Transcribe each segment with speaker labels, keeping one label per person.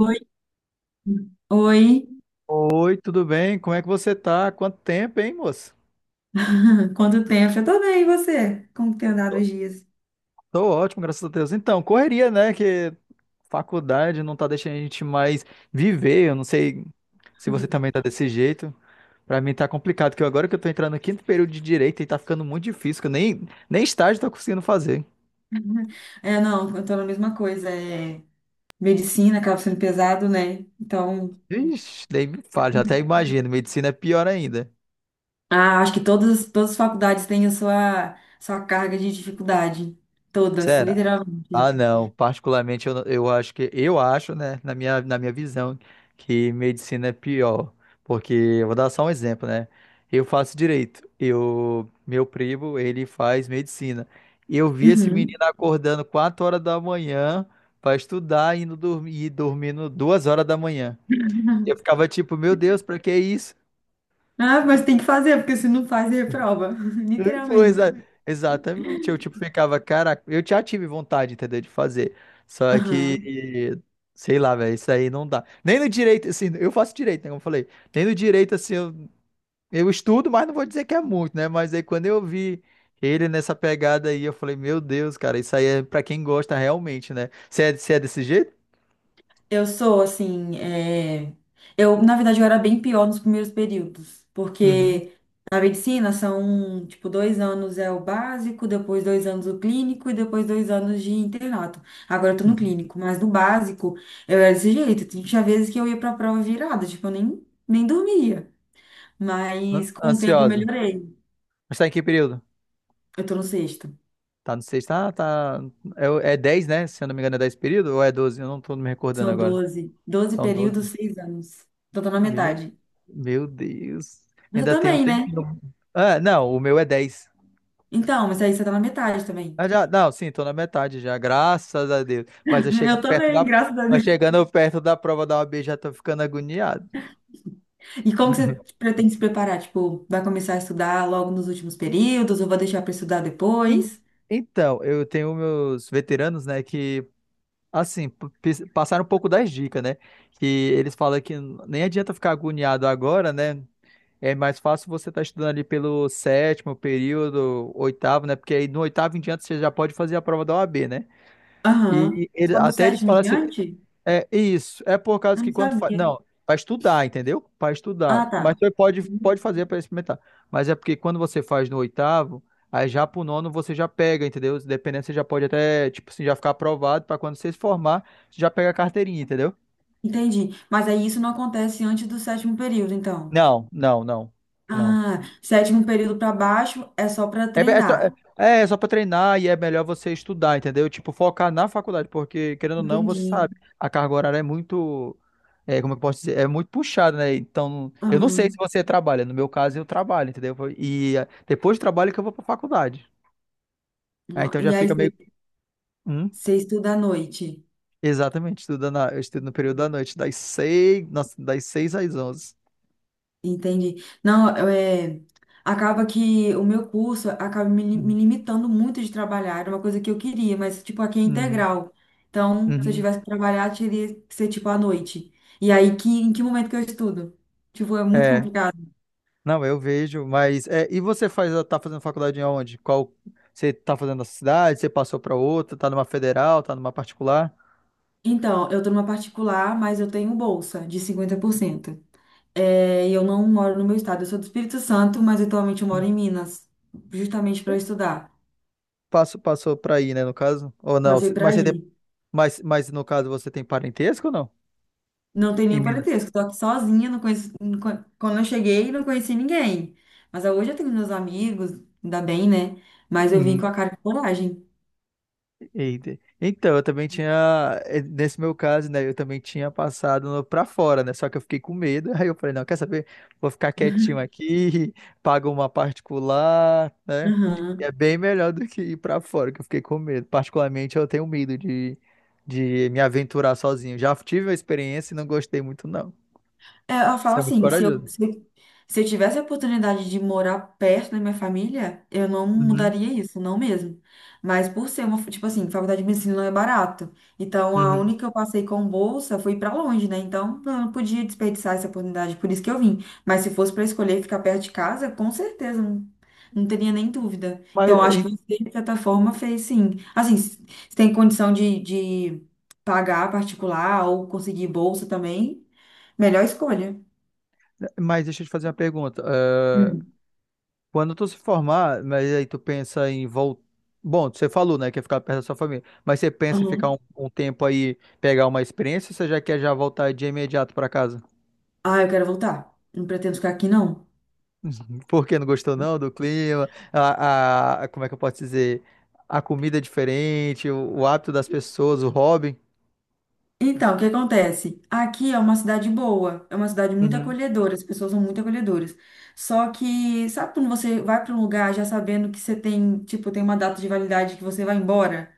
Speaker 1: Oi, oi.
Speaker 2: Oi, tudo bem? Como é que você tá? Quanto tempo, hein, moço?
Speaker 1: Quanto tempo? Eu tô bem, e você? Como que tem andado os dias?
Speaker 2: Tô ótimo, graças a Deus. Então, correria, né? Que faculdade não tá deixando a gente mais viver. Eu não sei se você também tá desse jeito. Pra mim tá complicado, que agora que eu tô entrando no quinto período de direito e tá ficando muito difícil, que eu nem estágio tô conseguindo fazer.
Speaker 1: É, não, eu tô na mesma coisa, é medicina acaba sendo pesado, né? Então,
Speaker 2: Ixi, nem me fala, já até imagino. Medicina é pior ainda.
Speaker 1: ah, acho que todas as faculdades têm a sua carga de dificuldade, todas,
Speaker 2: Será? Ah,
Speaker 1: literalmente.
Speaker 2: não. Particularmente, eu, não- eu acho, né, na minha visão, que medicina é pior. Porque eu vou dar só um exemplo, né? Eu faço direito. Meu primo, ele faz medicina. E eu vi esse menino
Speaker 1: Uhum.
Speaker 2: acordando 4 horas da manhã para estudar, indo dormir e dormindo 2 horas da manhã. Eu ficava tipo, meu Deus, para que isso?
Speaker 1: Ah, mas tem que fazer, porque se não faz, reprova,
Speaker 2: Foi,
Speaker 1: literalmente.
Speaker 2: exatamente. Eu, tipo, ficava, caraca, eu já tive vontade, entendeu, de fazer. Só que, sei lá, velho, isso aí não dá. Nem no direito, assim, eu faço direito, né, como eu falei. Nem no direito, assim, eu estudo, mas não vou dizer que é muito, né? Mas aí quando eu vi ele nessa pegada aí, eu falei, meu Deus, cara, isso aí é pra quem gosta realmente, né? Você é desse jeito?
Speaker 1: Eu sou, assim, é, eu, na verdade, eu era bem pior nos primeiros períodos,
Speaker 2: Uhum,
Speaker 1: porque na medicina são, tipo, 2 anos é o básico, depois 2 anos o clínico e depois 2 anos de internato. Agora eu tô no
Speaker 2: uhum.
Speaker 1: clínico, mas no básico eu era desse jeito. Tinha vezes que eu ia pra prova virada, tipo, eu nem dormia, mas com o tempo eu
Speaker 2: Ansiosa.
Speaker 1: melhorei.
Speaker 2: Mas tá em que período?
Speaker 1: Eu tô no sexto.
Speaker 2: Tá no sexto, ah, tá. É, é 10, né? Se eu não me engano, é 10 período ou é 12. Eu não tô me recordando
Speaker 1: São
Speaker 2: agora.
Speaker 1: doze
Speaker 2: São 12.
Speaker 1: períodos, 6 anos. Então tô na
Speaker 2: Meu,
Speaker 1: metade.
Speaker 2: meu Deus.
Speaker 1: Você
Speaker 2: Ainda tem um
Speaker 1: também, né?
Speaker 2: tempinho. Ah, não, o meu é 10.
Speaker 1: Então, mas aí você tá na metade também.
Speaker 2: Ah, já, não, sim, tô na metade já, graças a Deus.
Speaker 1: Eu também, graças a
Speaker 2: Mas
Speaker 1: Deus.
Speaker 2: chegando perto da prova da OAB já tô ficando agoniado.
Speaker 1: E como que você pretende se preparar? Tipo, vai começar a estudar logo nos últimos períodos ou vai deixar para estudar
Speaker 2: En-
Speaker 1: depois?
Speaker 2: Então, eu tenho meus veteranos, né, que, assim, passaram um pouco das dicas, né? Que eles falam que nem adianta ficar agoniado agora, né? É mais fácil você estar estudando ali pelo sétimo período, oitavo, né? Porque aí no oitavo em diante você já pode fazer a prova da OAB, né?
Speaker 1: Aham.
Speaker 2: E ele-
Speaker 1: Só do
Speaker 2: até eles
Speaker 1: sétimo em
Speaker 2: falam assim,
Speaker 1: diante?
Speaker 2: é isso, é por causa
Speaker 1: Eu
Speaker 2: que
Speaker 1: não
Speaker 2: quando faz.
Speaker 1: sabia.
Speaker 2: Não, para estudar, entendeu? Para estudar.
Speaker 1: Ah,
Speaker 2: Mas
Speaker 1: tá.
Speaker 2: você pode,
Speaker 1: Uhum.
Speaker 2: pode fazer para experimentar. Mas é porque quando você faz no oitavo, aí já pro nono você já pega, entendeu? Dependendo, você já pode até, tipo assim, já ficar aprovado para quando você se formar, você já pega a carteirinha, entendeu?
Speaker 1: Entendi. Mas aí isso não acontece antes do sétimo período, então.
Speaker 2: Não, não, não. Não.
Speaker 1: Ah, sétimo período para baixo é só para
Speaker 2: É, be- é, só, é,
Speaker 1: treinar.
Speaker 2: é é só pra treinar e é melhor você estudar, entendeu? Tipo, focar na faculdade, porque, querendo ou não, você
Speaker 1: Entendi.
Speaker 2: sabe, a carga horária é muito, é, como eu posso dizer, é muito puxada, né? Então, eu não sei se
Speaker 1: Aham.
Speaker 2: você trabalha, no meu caso, eu trabalho, entendeu? E é, depois do trabalho que eu vou pra faculdade. Ah, então já
Speaker 1: E aí
Speaker 2: fica meio.
Speaker 1: você
Speaker 2: Hum,
Speaker 1: você estuda à noite?
Speaker 2: Exatamente, eu estudo no período da noite, das 6, nossa, das 6 às 11.
Speaker 1: Entendi. Não, eu, acaba que o meu curso acaba me limitando muito de trabalhar. Era uma coisa que eu queria, mas, tipo, aqui é
Speaker 2: Uhum,
Speaker 1: integral. Então, se eu
Speaker 2: uhum.
Speaker 1: tivesse que trabalhar, teria que ser, tipo, à noite. E aí, em que momento que eu estudo? Tipo, é muito
Speaker 2: É.
Speaker 1: complicado.
Speaker 2: Não, eu vejo, mas é, tá fazendo faculdade em onde? Qual você tá fazendo na cidade? Você passou para outra? Tá numa federal? Tá numa particular?
Speaker 1: Então, eu tô numa particular, mas eu tenho bolsa de 50%. É, e eu não moro no meu estado. Eu sou do Espírito Santo, mas atualmente eu moro
Speaker 2: Hum.
Speaker 1: em Minas, justamente para estudar.
Speaker 2: Passou para aí, né, no caso? Ou não?
Speaker 1: Passei para
Speaker 2: Mas você tem,
Speaker 1: aí.
Speaker 2: mas, mas no caso você tem parentesco ou não?
Speaker 1: Não tem
Speaker 2: Em
Speaker 1: nenhum
Speaker 2: Minas?
Speaker 1: parentesco. Estou aqui sozinha, não conheço, não con- quando eu cheguei, não conheci ninguém. Mas hoje eu tenho meus amigos, ainda bem, né? Mas eu vim com a cara de coragem.
Speaker 2: Eita. Então, eu também tinha, nesse meu caso, né, eu também tinha passado pra fora, né, só que eu fiquei com medo, aí eu falei, não, quer saber? Vou ficar quietinho aqui, pago uma particular, né, e é
Speaker 1: Aham.
Speaker 2: bem melhor do que ir pra fora, que eu fiquei com medo. Particularmente, eu tenho medo de me aventurar sozinho. Já tive a experiência e não gostei muito, não.
Speaker 1: É, ela
Speaker 2: Você
Speaker 1: fala
Speaker 2: é muito
Speaker 1: assim, se eu,
Speaker 2: corajoso.
Speaker 1: se eu, se eu tivesse a oportunidade de morar perto da minha família, eu não
Speaker 2: Uhum,
Speaker 1: mudaria isso, não mesmo. Mas por ser uma, tipo assim, faculdade de medicina não é barato. Então, a
Speaker 2: uhum.
Speaker 1: única que eu passei com bolsa foi pra longe, né? Então, eu não podia desperdiçar essa oportunidade, por isso que eu vim. Mas se fosse pra escolher ficar perto de casa, com certeza, não, não teria nem dúvida.
Speaker 2: Mas,
Speaker 1: Então, eu acho
Speaker 2: eh,
Speaker 1: que você, de certa forma, fez sim. Assim, se tem condição de pagar particular ou conseguir bolsa também, melhor escolha.
Speaker 2: mas deixa eu te fazer uma pergunta.
Speaker 1: Hum,
Speaker 2: Quando tu se formar, mas aí tu pensa em voltar. Bom, você falou, né, que ia ficar perto da sua família. Mas você pensa em ficar
Speaker 1: aham.
Speaker 2: um tempo aí, pegar uma experiência, ou você já quer já voltar de imediato pra casa?
Speaker 1: Ah, eu quero voltar. Não pretendo ficar aqui, não.
Speaker 2: Porque não gostou não do clima? Como é que eu posso dizer? A comida é diferente, o hábito das pessoas, o hobby.
Speaker 1: Então, o que acontece? Aqui é uma cidade boa, é uma cidade muito
Speaker 2: Uhum,
Speaker 1: acolhedora, as pessoas são muito acolhedoras. Só que, sabe quando você vai para um lugar já sabendo que você tem, tipo, tem uma data de validade que você vai embora?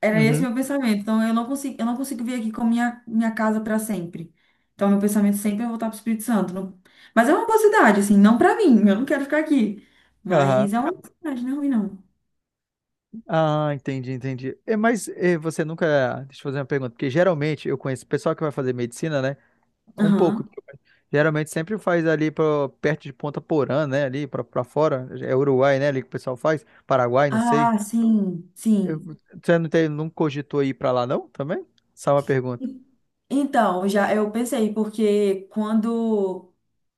Speaker 1: Era esse
Speaker 2: uhum,
Speaker 1: meu pensamento. Então, eu não consigo vir aqui com minha casa para sempre. Então, meu pensamento sempre é voltar para o Espírito Santo. Mas é uma boa cidade, assim, não para mim, eu não quero ficar aqui.
Speaker 2: aham.
Speaker 1: Mas é uma boa cidade, não é ruim, não.
Speaker 2: Ah, entendi, entendi. É, mas é, você nunca. Deixa eu fazer uma pergunta, porque geralmente eu conheço o pessoal que vai fazer medicina, né? Um pouco.
Speaker 1: Aham.
Speaker 2: Geralmente sempre faz ali perto de Ponta Porã, né? Ali pra fora. É Uruguai, né? Ali que o pessoal faz. Paraguai, não sei.
Speaker 1: Ah, sim,
Speaker 2: Eu-
Speaker 1: sim.
Speaker 2: você não cogitou ir pra lá, não? Também? Só uma pergunta.
Speaker 1: Então, já eu pensei, porque quando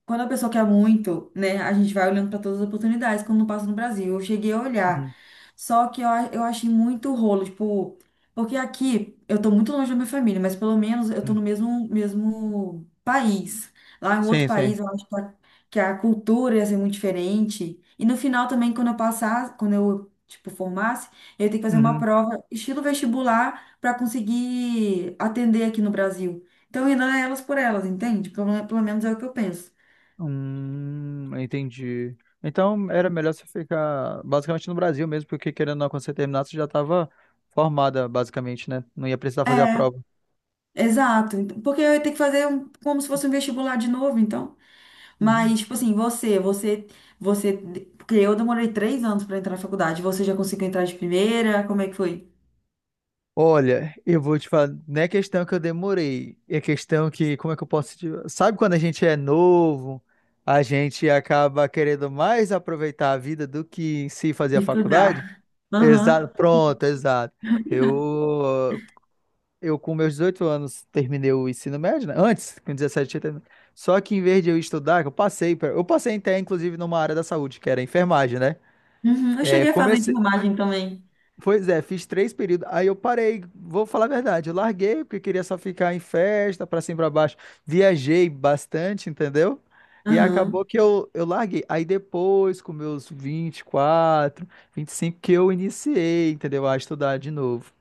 Speaker 1: quando a pessoa quer muito, né, a gente vai olhando para todas as oportunidades, como não passa no Brasil. Eu cheguei a olhar.
Speaker 2: Uhum.
Speaker 1: Só que eu achei muito rolo, tipo, porque aqui eu tô muito longe da minha família, mas pelo menos eu tô no
Speaker 2: Uhum.
Speaker 1: mesmo país. Lá em outro
Speaker 2: Sim, sim.
Speaker 1: país, eu acho que a cultura ia ser muito diferente. E no final também, quando eu, tipo, formasse, eu ia ter que fazer uma
Speaker 2: Uhum.
Speaker 1: prova estilo vestibular para conseguir atender aqui no Brasil. Então, ainda é elas por elas, entende? Pelo menos é o que eu penso.
Speaker 2: Entendi. Então era melhor você ficar basicamente no Brasil mesmo, porque querendo ou não, quando você terminasse, você já estava formada, basicamente, né? Não ia precisar fazer a
Speaker 1: É,
Speaker 2: prova.
Speaker 1: exato. Então, porque eu ia ter que fazer como se fosse um vestibular de novo, então.
Speaker 2: Uhum.
Speaker 1: Mas, tipo assim, você. Porque eu demorei 3 anos para entrar na faculdade. Você já conseguiu entrar de primeira? Como é que foi?
Speaker 2: Olha, eu vou te falar, não é questão que eu demorei, é questão que, como é que eu posso te. Sabe quando a gente é novo, a gente acaba querendo mais aproveitar a vida do que em si fazer a faculdade?
Speaker 1: Estudar.
Speaker 2: Exato,
Speaker 1: Aham.
Speaker 2: pronto, exato. Eu, eu com meus 18 anos terminei o ensino médio, né? Antes, com 17 eu terminei. Só que em vez de eu estudar, que eu passei até inclusive numa área da saúde, que era enfermagem, né?
Speaker 1: Uhum. Eu
Speaker 2: É,
Speaker 1: cheguei a fazer
Speaker 2: comecei.
Speaker 1: enfermagem também.
Speaker 2: Pois é, fiz três períodos. Aí eu parei, vou falar a verdade, eu larguei porque queria só ficar em festa, pra cima e pra baixo. Viajei bastante, entendeu? E acabou
Speaker 1: Aham.
Speaker 2: que eu larguei. Aí depois, com meus vinte, 24, 25 que eu iniciei, entendeu? A estudar de novo.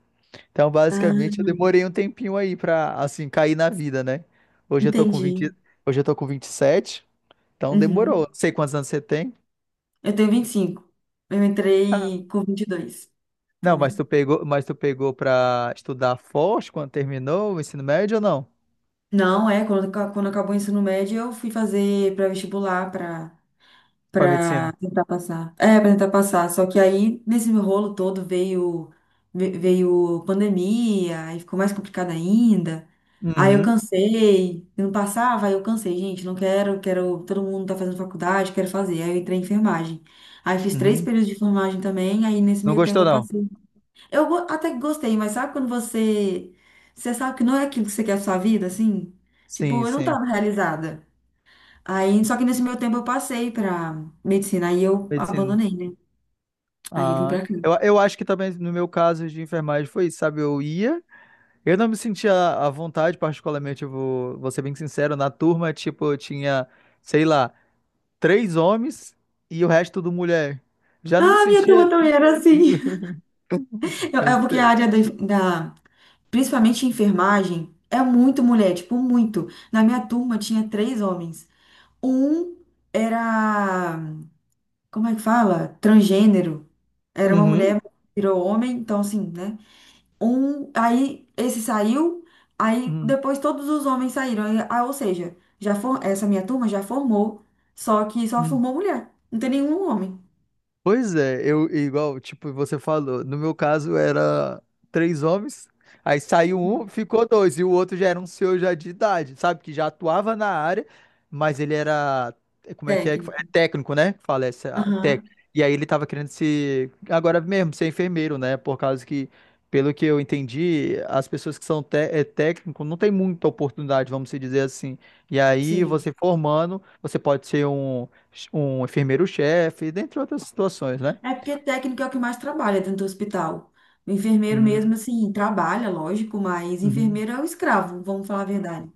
Speaker 2: Então,
Speaker 1: Ah,
Speaker 2: basicamente, eu demorei um tempinho aí pra, assim, cair na vida, né? Hoje eu tô com 20
Speaker 1: entendi.
Speaker 2: hoje eu tô com 27, então demorou.
Speaker 1: Uhum.
Speaker 2: Não sei quantos anos você tem.
Speaker 1: Eu tenho 25. Eu entrei com 22
Speaker 2: Não, mas tu
Speaker 1: também.
Speaker 2: pegou, mas tu pegou pra estudar forte quando terminou o ensino médio ou não?
Speaker 1: Não, quando acabou o ensino médio, eu fui fazer pré-vestibular para
Speaker 2: Pra medicina?
Speaker 1: para tentar passar. É, para tentar passar. Só que aí, nesse rolo todo, veio pandemia, aí ficou mais complicado ainda. Aí eu
Speaker 2: Uhum,
Speaker 1: cansei, eu não passava, aí eu cansei, gente, não quero, quero, todo mundo tá fazendo faculdade, quero fazer. Aí eu entrei em enfermagem. Aí fiz três
Speaker 2: uhum.
Speaker 1: períodos de enfermagem também, aí nesse
Speaker 2: Não
Speaker 1: meio tempo
Speaker 2: gostou,
Speaker 1: eu
Speaker 2: não?
Speaker 1: passei. Até que gostei, mas sabe quando você sabe que não é aquilo que você quer a sua vida, assim?
Speaker 2: Sim,
Speaker 1: Tipo, eu não
Speaker 2: sim.
Speaker 1: tava realizada. Aí, só que nesse meu tempo eu passei pra medicina, aí eu
Speaker 2: Medicina.
Speaker 1: abandonei, né? Aí eu vim
Speaker 2: Ah,
Speaker 1: pra cá.
Speaker 2: eu acho que também no meu caso de enfermagem foi isso, sabe? Eu não me sentia à vontade, particularmente, eu vou ser bem sincero, na turma, tipo, eu tinha, sei lá, três homens e o resto tudo mulher. Já não me
Speaker 1: Ah, minha
Speaker 2: sentia.
Speaker 1: turma também era assim. É porque a
Speaker 2: Ente-
Speaker 1: área da- principalmente enfermagem, é muito mulher, tipo, muito. Na minha turma tinha três homens. Um era, como é que fala? Transgênero. Era uma
Speaker 2: Uhum.
Speaker 1: mulher, virou homem, então assim, né? Um, aí esse saiu, aí
Speaker 2: Uhum.
Speaker 1: depois todos os homens saíram. Aí, ah, ou seja, essa minha turma já formou, só que só
Speaker 2: Uhum.
Speaker 1: formou mulher. Não tem nenhum homem.
Speaker 2: Pois é, eu igual, tipo, você falou, no meu caso era três homens, aí saiu um, ficou dois, e o outro já era um senhor já de idade, sabe? Que já atuava na área, mas ele era, é, como é que fala?
Speaker 1: Técnico.
Speaker 2: É técnico, né? Que fala essa,
Speaker 1: Aham,
Speaker 2: técnico. E aí ele tava querendo se, agora mesmo, ser enfermeiro, né? Por causa que, pelo que eu entendi, as pessoas que são técnico não tem muita oportunidade, vamos se dizer assim. E aí
Speaker 1: sim.
Speaker 2: você formando, você pode ser um enfermeiro-chefe, dentre outras situações, né?
Speaker 1: É porque técnico é o que mais trabalha dentro do hospital. O enfermeiro
Speaker 2: Hum,
Speaker 1: mesmo, assim, trabalha, lógico, mas
Speaker 2: uhum,
Speaker 1: enfermeiro é o escravo, vamos falar a verdade.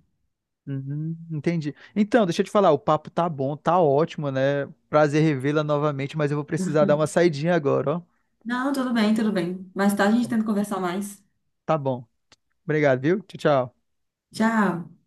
Speaker 2: uhum, entendi. Então, deixa eu te falar, o papo tá bom, tá ótimo, né? Prazer revê-la novamente, mas eu vou precisar dar uma saidinha agora, ó.
Speaker 1: Não, tudo bem, tudo bem. Mais tarde a gente tenta conversar mais.
Speaker 2: Tá bom. Obrigado, viu? Tchau, tchau.
Speaker 1: Tchau.